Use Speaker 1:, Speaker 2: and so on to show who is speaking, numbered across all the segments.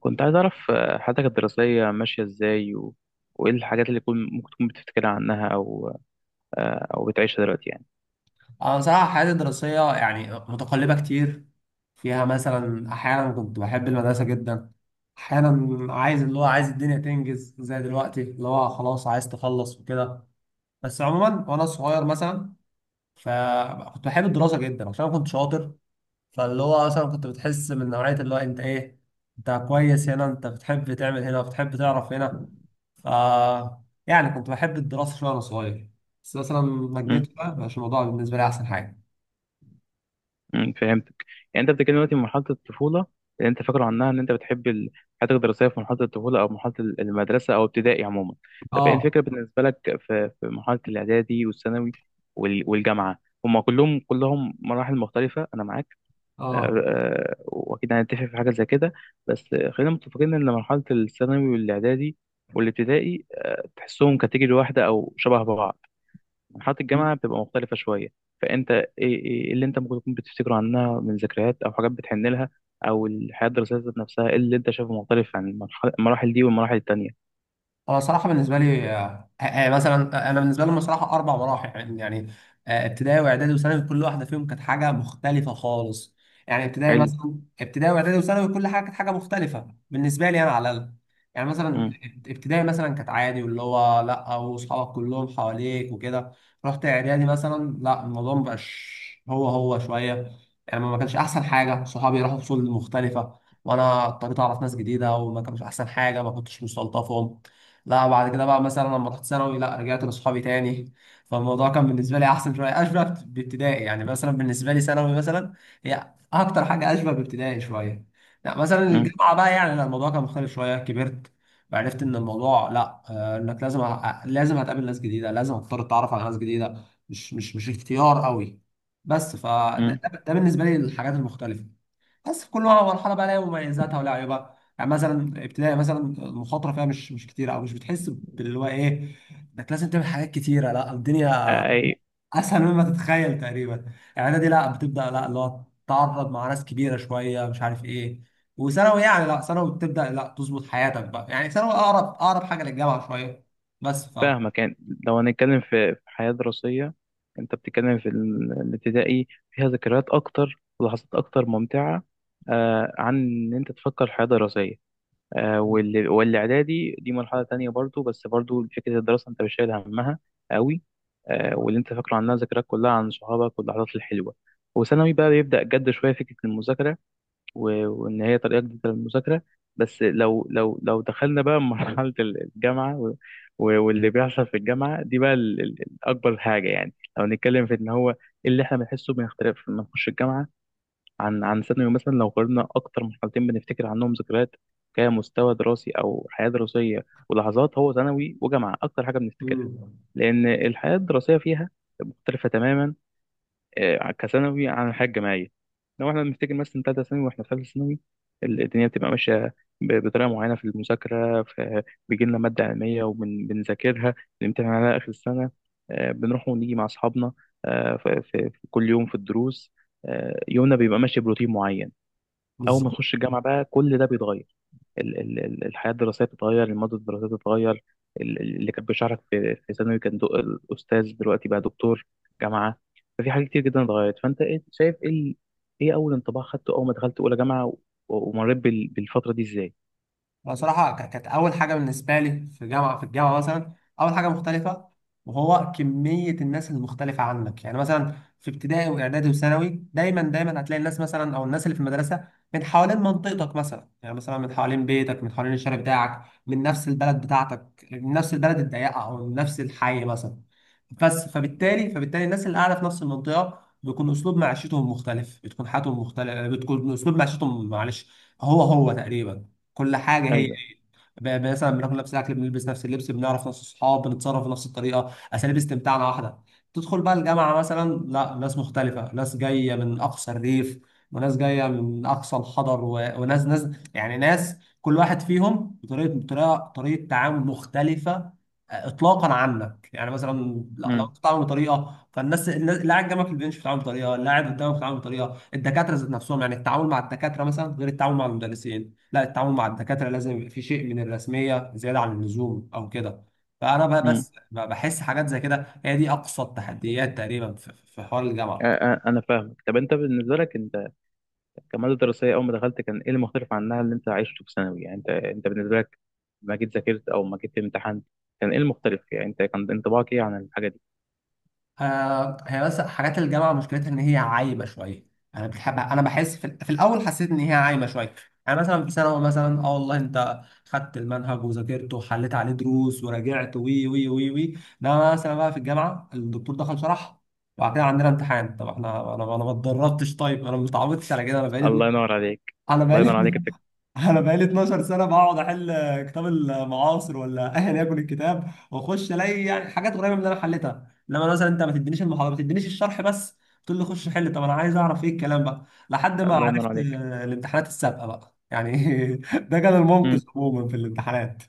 Speaker 1: كنت عايز أعرف حياتك الدراسية ماشية إزاي وإيه الحاجات اللي ممكن تكون بتفتكرها عنها أو بتعيشها دلوقتي يعني.
Speaker 2: أنا بصراحة حياتي الدراسية يعني متقلبة كتير، فيها مثلا أحيانا كنت بحب المدرسة جدا. أحيانا عايز اللي هو عايز الدنيا تنجز زي دلوقتي اللي هو خلاص عايز تخلص وكده. بس عموما وأنا صغير مثلا، فكنت بحب الدراسة جدا عشان أنا كنت شاطر. فاللي هو مثلا كنت بتحس من نوعية اللي هو أنت إيه، أنت كويس هنا، أنت بتحب تعمل هنا، بتحب تعرف هنا. ف يعني كنت بحب الدراسة شوية وأنا صغير، بس مثلا لما
Speaker 1: مم.
Speaker 2: كبرت بقى مبقاش الموضوع بالنسبة لي أحسن حاجة.
Speaker 1: فهمتك. يعني أنت بتتكلم دلوقتي من مرحلة الطفولة اللي أنت فاكره عنها إن أنت بتحب حياتك الدراسية في مرحلة الطفولة أو مرحلة المدرسة أو ابتدائي عموما. طب إيه
Speaker 2: اه.
Speaker 1: الفكرة بالنسبة لك في مرحلة الإعدادي والثانوي والجامعة. هما كلهم مراحل مختلفة أنا معاك. آه،
Speaker 2: اه.
Speaker 1: واكيد هنتفق في حاجه زي كده، بس خلينا متفقين ان مرحله الثانوي والاعدادي والابتدائي تحسهم كاتيجوري واحده او شبه بعض. مرحله الجامعه بتبقى مختلفه شويه، فانت ايه إيه إيه اللي انت ممكن تكون بتفتكره عنها من ذكريات او حاجات بتحن لها، او الحياه الدراسيه ذات نفسها ايه اللي انت شايفه مختلف عن المراحل دي والمراحل التانيه.
Speaker 2: انا صراحه بالنسبه لي، مثلا، انا بالنسبه لهم صراحه اربع مراحل، يعني، ابتدائي واعدادي وثانوي، كل واحده فيهم كانت حاجه مختلفه خالص. يعني
Speaker 1: حلو.
Speaker 2: ابتدائي واعدادي وثانوي، كل حاجه كانت حاجه مختلفه بالنسبه لي انا على الاقل. يعني مثلا
Speaker 1: امم
Speaker 2: ابتدائي مثلا كانت عادي واللي هو لا، واصحابك كلهم حواليك وكده. رحت اعدادي مثلا لا، الموضوع مبقاش هو هو شويه، يعني ما كانش احسن حاجه، صحابي راحوا فصول مختلفه وانا اضطريت اعرف ناس جديده وما كانش احسن حاجه، ما كنتش مستلطفهم. لا بعد كده بقى مثلا لما رحت ثانوي لا، رجعت لاصحابي تاني، فالموضوع كان بالنسبه لي احسن شويه، اشبه بابتدائي، يعني مثلا بالنسبه لي ثانوي مثلا هي اكتر حاجه اشبه بابتدائي شويه. لا مثلا الجامعه بقى يعني لا، الموضوع كان مختلف شويه، كبرت وعرفت ان الموضوع لا، انك لازم لازم هتقابل ناس جديده، لازم هتضطر تتعرف على ناس جديده، مش اختيار قوي. بس فده ده بالنسبه لي الحاجات المختلفه، بس كل مرحله بقى لها مميزاتها ولها عيوبها. يعني مثلا ابتدائي مثلا المخاطره فيها مش كتير، او مش بتحس باللي هو ايه، انك لازم تعمل حاجات كتيره، لا الدنيا
Speaker 1: امم
Speaker 2: اسهل مما تتخيل تقريبا، يعني دي لا بتبدا لا اللي هو تتعرض مع ناس كبيره شويه، مش عارف ايه. وثانوي يعني لا، ثانوي بتبدا لا تظبط حياتك بقى، يعني ثانوي اقرب اقرب حاجه للجامعه شويه، بس.
Speaker 1: فاهمك. يعني لو هنتكلم في حياة دراسية، انت بتتكلم في الابتدائي فيها ذكريات اكتر ولحظات اكتر ممتعة عن ان انت تفكر في حياة دراسية.
Speaker 2: مم.
Speaker 1: والاعدادي دي مرحلة تانية برضو، بس برضو فكرة الدراسة انت مش شايل همها قوي. واللي انت فاكره عنها ذكريات كلها عن صحابك واللحظات الحلوة. وثانوي بقى بيبدأ جد شوية فكرة المذاكرة، وان هي طريقه جديده للمذاكره. بس لو دخلنا بقى مرحله الجامعه واللي بيحصل في الجامعه دي بقى الاكبر حاجه، يعني لو نتكلم في ان هو إيه اللي احنا بنحسه بنختلف لما نخش الجامعه عن ثانوي مثلا. لو قارنا اكتر مرحلتين بنفتكر عنهم ذكريات كمستوى دراسي او حياه دراسيه ولحظات هو ثانوي وجامعه اكتر حاجه بنفتكرها، لان الحياه الدراسيه فيها مختلفه تماما كثانوي عن الحياة الجامعية. لو احنا بنفتكر مثلا تالتة ثانوي واحنا في ثالثة ثانوي الدنيا بتبقى ماشية بطريقة معينة في المذاكرة. بيجي لنا مادة علمية وبنذاكرها، بنمتحن عليها آخر السنة. بنروح ونيجي مع أصحابنا، في كل يوم في الدروس، يومنا بيبقى ماشي بروتين معين. أول ما
Speaker 2: بالظبط.
Speaker 1: نخش الجامعة بقى كل ده بيتغير، الحياة الدراسية بتتغير، المادة الدراسية بتتغير، اللي كان بيشرح لك في ثانوي كان دو الأستاذ دلوقتي بقى دكتور جامعة. ففي حاجات كتير جدا اتغيرت، فأنت شايف إيه أول انطباع خدته أول ما دخلت أولى جامعة ومريت بالفترة دي إزاي؟
Speaker 2: بصراحة كانت أول حاجة بالنسبة لي في جامعة في الجامعة مثلا، أول حاجة مختلفة، وهو كمية الناس المختلفة عنك. يعني مثلا في ابتدائي وإعدادي وثانوي دايما دايما هتلاقي الناس مثلا، أو الناس اللي في المدرسة من حوالين منطقتك، مثلا يعني مثلا من حوالين بيتك، من حوالين الشارع بتاعك، من نفس البلد بتاعتك، من نفس البلد الضيقة أو من نفس الحي مثلا. بس
Speaker 1: مم.
Speaker 2: فبالتالي الناس اللي قاعدة في نفس المنطقة بيكون أسلوب معيشتهم مختلف، بتكون حياتهم مختلفة، بتكون أسلوب معيشتهم، معلش هو هو تقريبا، كل حاجه هي هي.
Speaker 1: أيوه.
Speaker 2: مثلا بناكل نفس الاكل، بنلبس نفس اللبس، بنعرف نفس الصحاب، بنتصرف بنفس الطريقه، اساليب استمتاعنا واحده. تدخل بقى الجامعه مثلا لا، ناس مختلفه، ناس جايه من اقصى الريف، وناس جايه من اقصى الحضر، و... وناس يعني، ناس كل واحد فيهم بطريقه بطريقه طريقه تعامل مختلفه اطلاقا عنك. يعني مثلا لو
Speaker 1: مم.
Speaker 2: انت بتتعامل بطريقه، فالناس اللي قاعد جنبك في البنش بتتعامل بطريقه، اللي قاعد قدامك بتتعامل بطريقه، الدكاتره ذات نفسهم، يعني التعامل مع الدكاتره مثلا غير التعامل مع المدرسين. لا التعامل مع الدكاترة لازم يبقى فيه شيء من الرسمية زيادة عن اللزوم أو كده. فأنا بقى
Speaker 1: مم.
Speaker 2: بس بحس حاجات زي كده، هي دي أقصى التحديات تقريبا في حوار الجامعة.
Speaker 1: أنا فاهمك. طب أنت بالنسبة لك أنت كمادة دراسية أول ما دخلت كان إيه المختلف عنها اللي أنت عشته في ثانوي؟ يعني أنت بالنسبة لك ما جيت ذاكرت أو ما جيت امتحنت كان إيه المختلف؟ يعني أنت كان انطباعك إيه عن الحاجة دي؟
Speaker 2: آه، هي بس حاجات الجامعة مشكلتها إن هي عايمة شوية. أنا بحس في الأول حسيت إن هي عايمة شوية. يعني مثلا في ثانوي مثلا أه والله أنت خدت المنهج وذاكرته وحليت عليه دروس وراجعت وي وي وي وي، ده مثلا بقى في الجامعة الدكتور دخل شرح وبعد كده عندنا امتحان. طب احنا انا ما اتدربتش، طيب انا ما اتعودتش على كده، انا بقالي
Speaker 1: الله ينور عليك.
Speaker 2: انا
Speaker 1: الله ينور
Speaker 2: بقالي
Speaker 1: عليك
Speaker 2: انا بقالي 12 سنه بقعد احل كتاب المعاصر ولا ايا يكن الكتاب، واخش الاقي يعني حاجات قريبه من اللي انا حليتها، انما مثلا انت ما تدينيش المحاضره، ما تدينيش الشرح، بس تقول لي خش حل. طب انا عايز اعرف ايه الكلام بقى، لحد ما
Speaker 1: الله ينور
Speaker 2: عرفت
Speaker 1: عليك.
Speaker 2: الامتحانات السابقه بقى يعني، ده كان المنقذ
Speaker 1: مم.
Speaker 2: عموما في الامتحانات.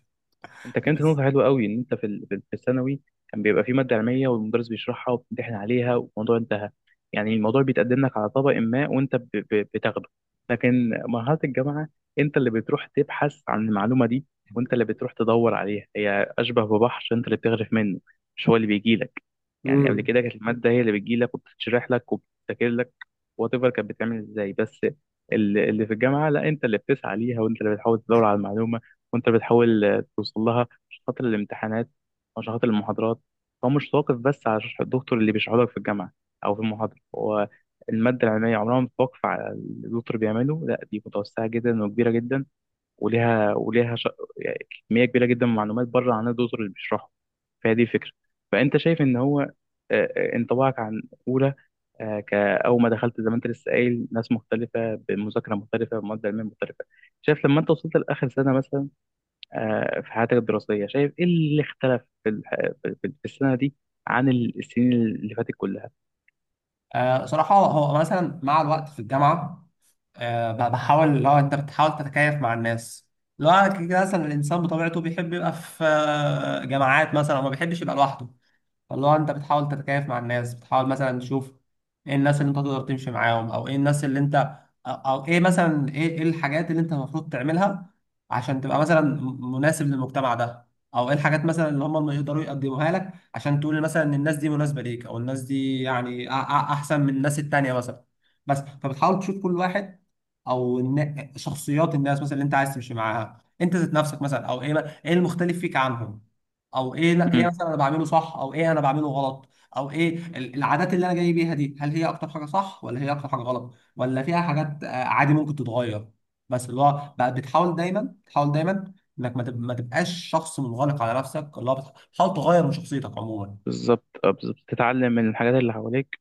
Speaker 1: انت كانت
Speaker 2: بس.
Speaker 1: نقطة حلوة قوي ان انت في في الثانوي كان بيبقى في مادة علمية والمدرس بيشرحها وبتمتحن عليها والموضوع انتهى. يعني الموضوع بيتقدم لك على طبق ما وانت بتاخده. لكن مرحلة الجامعة انت اللي بتروح تبحث عن المعلومة دي، وانت اللي بتروح تدور عليها. هي اشبه ببحر انت اللي بتغرف منه، مش هو اللي بيجي لك. يعني قبل
Speaker 2: امم
Speaker 1: كده كانت المادة هي اللي بتجي لك وبتتشرح لك وبتذاكر لك، وات ايفر كانت بتعمل ازاي بس. اللي في الجامعة لا انت اللي بتسعى ليها، وانت اللي بتحاول تدور على المعلومة، وانت بتحاول توصل لها عشان خاطر الامتحانات او عشان خاطر المحاضرات. هو مش واقف بس على شرح الدكتور اللي بيشرحه لك في الجامعة أو في المحاضرة. هو المادة العلمية عمرها ما بتتوقف على اللي الدكتور بيعمله، لا دي متوسعة جدا وكبيرة جدا، وليها يعني كمية كبيرة جدا من المعلومات بره عن الدكتور اللي بيشرحه. فهي دي الفكرة. فأنت شايف إن هو انطباعك عن أولى كأول ما دخلت زي ما أنت لسه قايل ناس مختلفة بمذاكرة مختلفة بمادة علمية مختلفة. شايف لما أنت وصلت لآخر سنة مثلا في حياتك الدراسية، شايف إيه اللي اختلف في في السنة دي عن السنين اللي فاتت كلها.
Speaker 2: صراحه هو مثلا مع الوقت في الجامعه، بحاول، اللي هو انت بتحاول تتكيف مع الناس، لو أنا كده كده. مثلا الانسان بطبيعته بيحب يبقى في جماعات مثلا، وما بيحبش يبقى لوحده، فاللي هو انت بتحاول تتكيف مع الناس، بتحاول مثلا تشوف ايه الناس اللي انت تقدر تمشي معاهم، او ايه الناس اللي انت، او ايه مثلا، ايه الحاجات اللي انت المفروض تعملها عشان تبقى مثلا مناسب للمجتمع ده، او ايه الحاجات مثلا اللي هم يقدروا يقدموها لك، عشان تقول مثلا ان الناس دي مناسبة ليك، او الناس دي يعني احسن من الناس التانية مثلا. بس فبتحاول تشوف كل واحد، او شخصيات الناس مثلا اللي انت عايز تمشي معاها، انت ذات نفسك مثلا، او ايه ايه المختلف فيك عنهم، او ايه لا، ايه
Speaker 1: مم.
Speaker 2: مثلا انا بعمله صح، او ايه انا بعمله غلط، او ايه العادات اللي انا جاي بيها دي، هل هي اكتر حاجه صح، ولا هي اكتر حاجه غلط، ولا فيها حاجات عادي ممكن تتغير. بس اللي هو بقى بتحاول دايما، بتحاول دايما انك ما تبقاش شخص منغلق على نفسك، اللي هو بتحاول تغير من شخصيتك عموما.
Speaker 1: بالظبط. بالظبط تتعلم من الحاجات اللي حواليك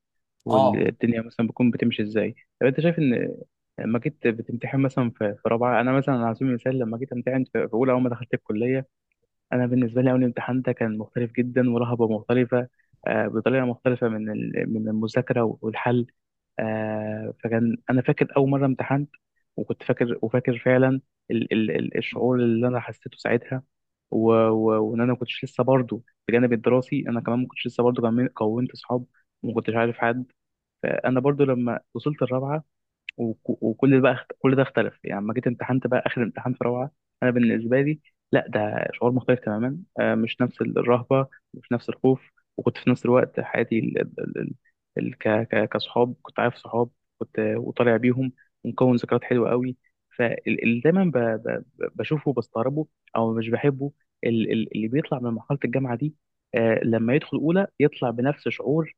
Speaker 2: اه.
Speaker 1: والدنيا مثلا بتكون بتمشي إزاي. طب أنت شايف إن لما جيت بتمتحن مثلا في في رابعة، أنا مثلا على سبيل المثال لما جيت أمتحن في في أولى أول ما دخلت الكلية، أنا بالنسبة لي أول امتحان ده كان مختلف جدا ورهبة مختلفة بطريقة مختلفة من من المذاكرة والحل. فكان انا فاكر اول مره امتحنت، وكنت فاكر وفاكر فعلا الشعور اللي انا حسيته ساعتها، وان انا ما كنتش لسه برضه، بجانب الدراسي انا كمان ما كنتش لسه برضه كونت اصحاب وما كنتش عارف حد. فانا برضه لما وصلت الرابعه وكل ده بقى كل ده اختلف، يعني لما جيت امتحنت بقى اخر امتحان في روعه. انا بالنسبه لي لا ده شعور مختلف تماما، مش نفس الرهبه، مش نفس الخوف، وكنت في نفس الوقت حياتي كصحاب كنت عارف صحاب، كنت وطالع بيهم ومكون ذكريات حلوه قوي. فاللي دايما بشوفه وبستغربه او مش بحبه اللي بيطلع من مرحله الجامعه دي لما يدخل اولى يطلع بنفس شعور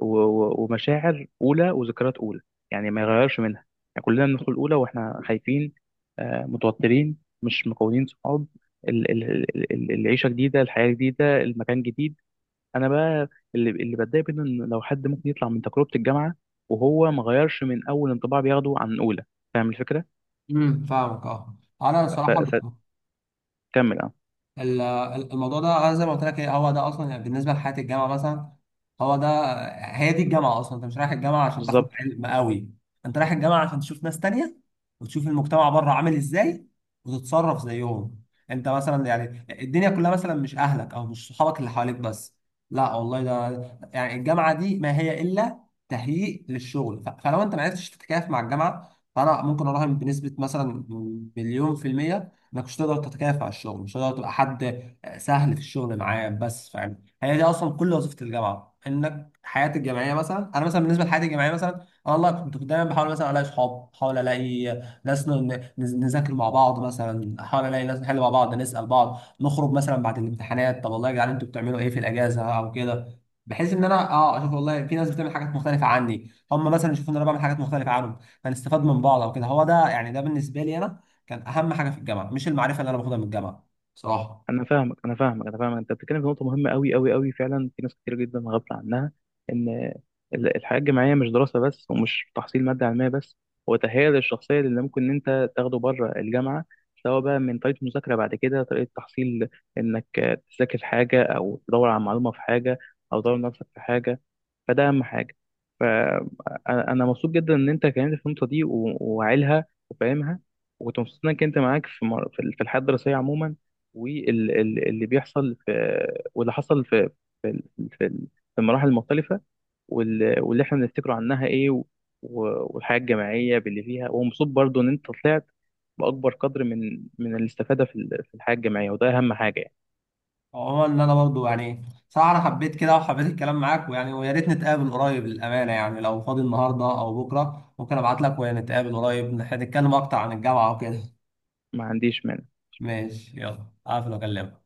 Speaker 1: ومشاعر اولى وذكريات اولى، يعني ما يغيرش منها. يعني كلنا بندخل الاولى واحنا خايفين متوترين مش مكونين صحاب، العيشه جديده الحياه جديده المكان جديد. انا بقى اللي بتضايق منه ان لو حد ممكن يطلع من تجربه الجامعه وهو ما غيرش من اول انطباع بياخده عن اولى. فاهم الفكره؟
Speaker 2: امم، فاهمك. اه، انا صراحه،
Speaker 1: فكمل. اه.
Speaker 2: ال- الموضوع ده زي ما قلت لك إيه، هو ده اصلا، يعني بالنسبه لحياه الجامعه مثلا، هو ده، هي دي الجامعه اصلا. انت مش رايح الجامعه عشان تاخد
Speaker 1: بالظبط.
Speaker 2: علم قوي، انت رايح الجامعه عشان تشوف ناس تانية، وتشوف المجتمع بره عامل ازاي، وتتصرف زيهم. انت مثلا يعني الدنيا كلها مثلا مش اهلك او مش صحابك اللي حواليك بس، لا والله، ده يعني الجامعه دي ما هي الا تهيئ للشغل. فلو انت ما عرفتش تتكيف مع الجامعه، فانا ممكن اراهن بنسبه مثلا مليون في الميه انك مش هتقدر تتكافئ على الشغل، مش هتقدر تبقى حد سهل في الشغل معاه. بس فاهم، هي دي اصلا كل وظيفه الجامعه، انك حياتي الجامعيه مثلا، انا مثلا بالنسبه لحياتي الجامعيه مثلا، انا والله كنت دايما بحاول مثلا الاقي صحاب، بحاول الاقي ناس نذاكر مع بعض مثلا، احاول الاقي ناس نحل مع بعض، نسال بعض، نخرج مثلا بعد الامتحانات، طب والله يا جدعان انتوا بتعملوا ايه في الاجازه او كده، بحيث ان انا اشوف والله في ناس بتعمل حاجات مختلفه عني، هم مثلا يشوفوا ان انا بعمل حاجات مختلفه عنهم، فنستفاد من بعض او كده. هو ده يعني، ده بالنسبه لي انا كان اهم حاجه في الجامعه، مش المعرفه اللي انا باخدها من الجامعه، صراحه.
Speaker 1: انا فاهمك انا فاهمك انا فاهمك، انت بتتكلم في نقطه مهمه قوي قوي قوي فعلا، في ناس كتير جدا غافله عنها، ان الحياه الجامعيه مش دراسه بس ومش تحصيل ماده علميه بس، هو تهيئه الشخصيه اللي ممكن إن انت تاخده بره الجامعه، سواء بقى من طريقه مذاكره بعد كده طريقه تحصيل، انك تذاكر حاجه او تدور على معلومه في حاجه او تدور نفسك في حاجه. فده اهم حاجه. فانا مبسوط جدا ان انت كلمت في النقطه دي وعيلها وفاهمها، وكنت مبسوط انك انت معاك في في الحياه الدراسيه عموما، واللي بيحصل في واللي حصل في في في المراحل المختلفة، واللي احنا بنفتكره عنها ايه، والحياة الجماعية باللي فيها، ومبسوط برضو ان انت طلعت بأكبر قدر من الاستفادة في في الحياة الجماعية، وده أهم حاجة يعني.
Speaker 2: عموما ان انا برضو يعني، صراحه انا حبيت كده، وحبيت الكلام معاك، ويعني ويا ريت نتقابل قريب للامانه. يعني لو فاضي النهارده او بكره ممكن ابعت لك، ونتقابل قريب نتكلم اكتر عن الجامعه وكده.
Speaker 1: ما عنديش مانع
Speaker 2: ماشي، يلا اقفل واكلمك.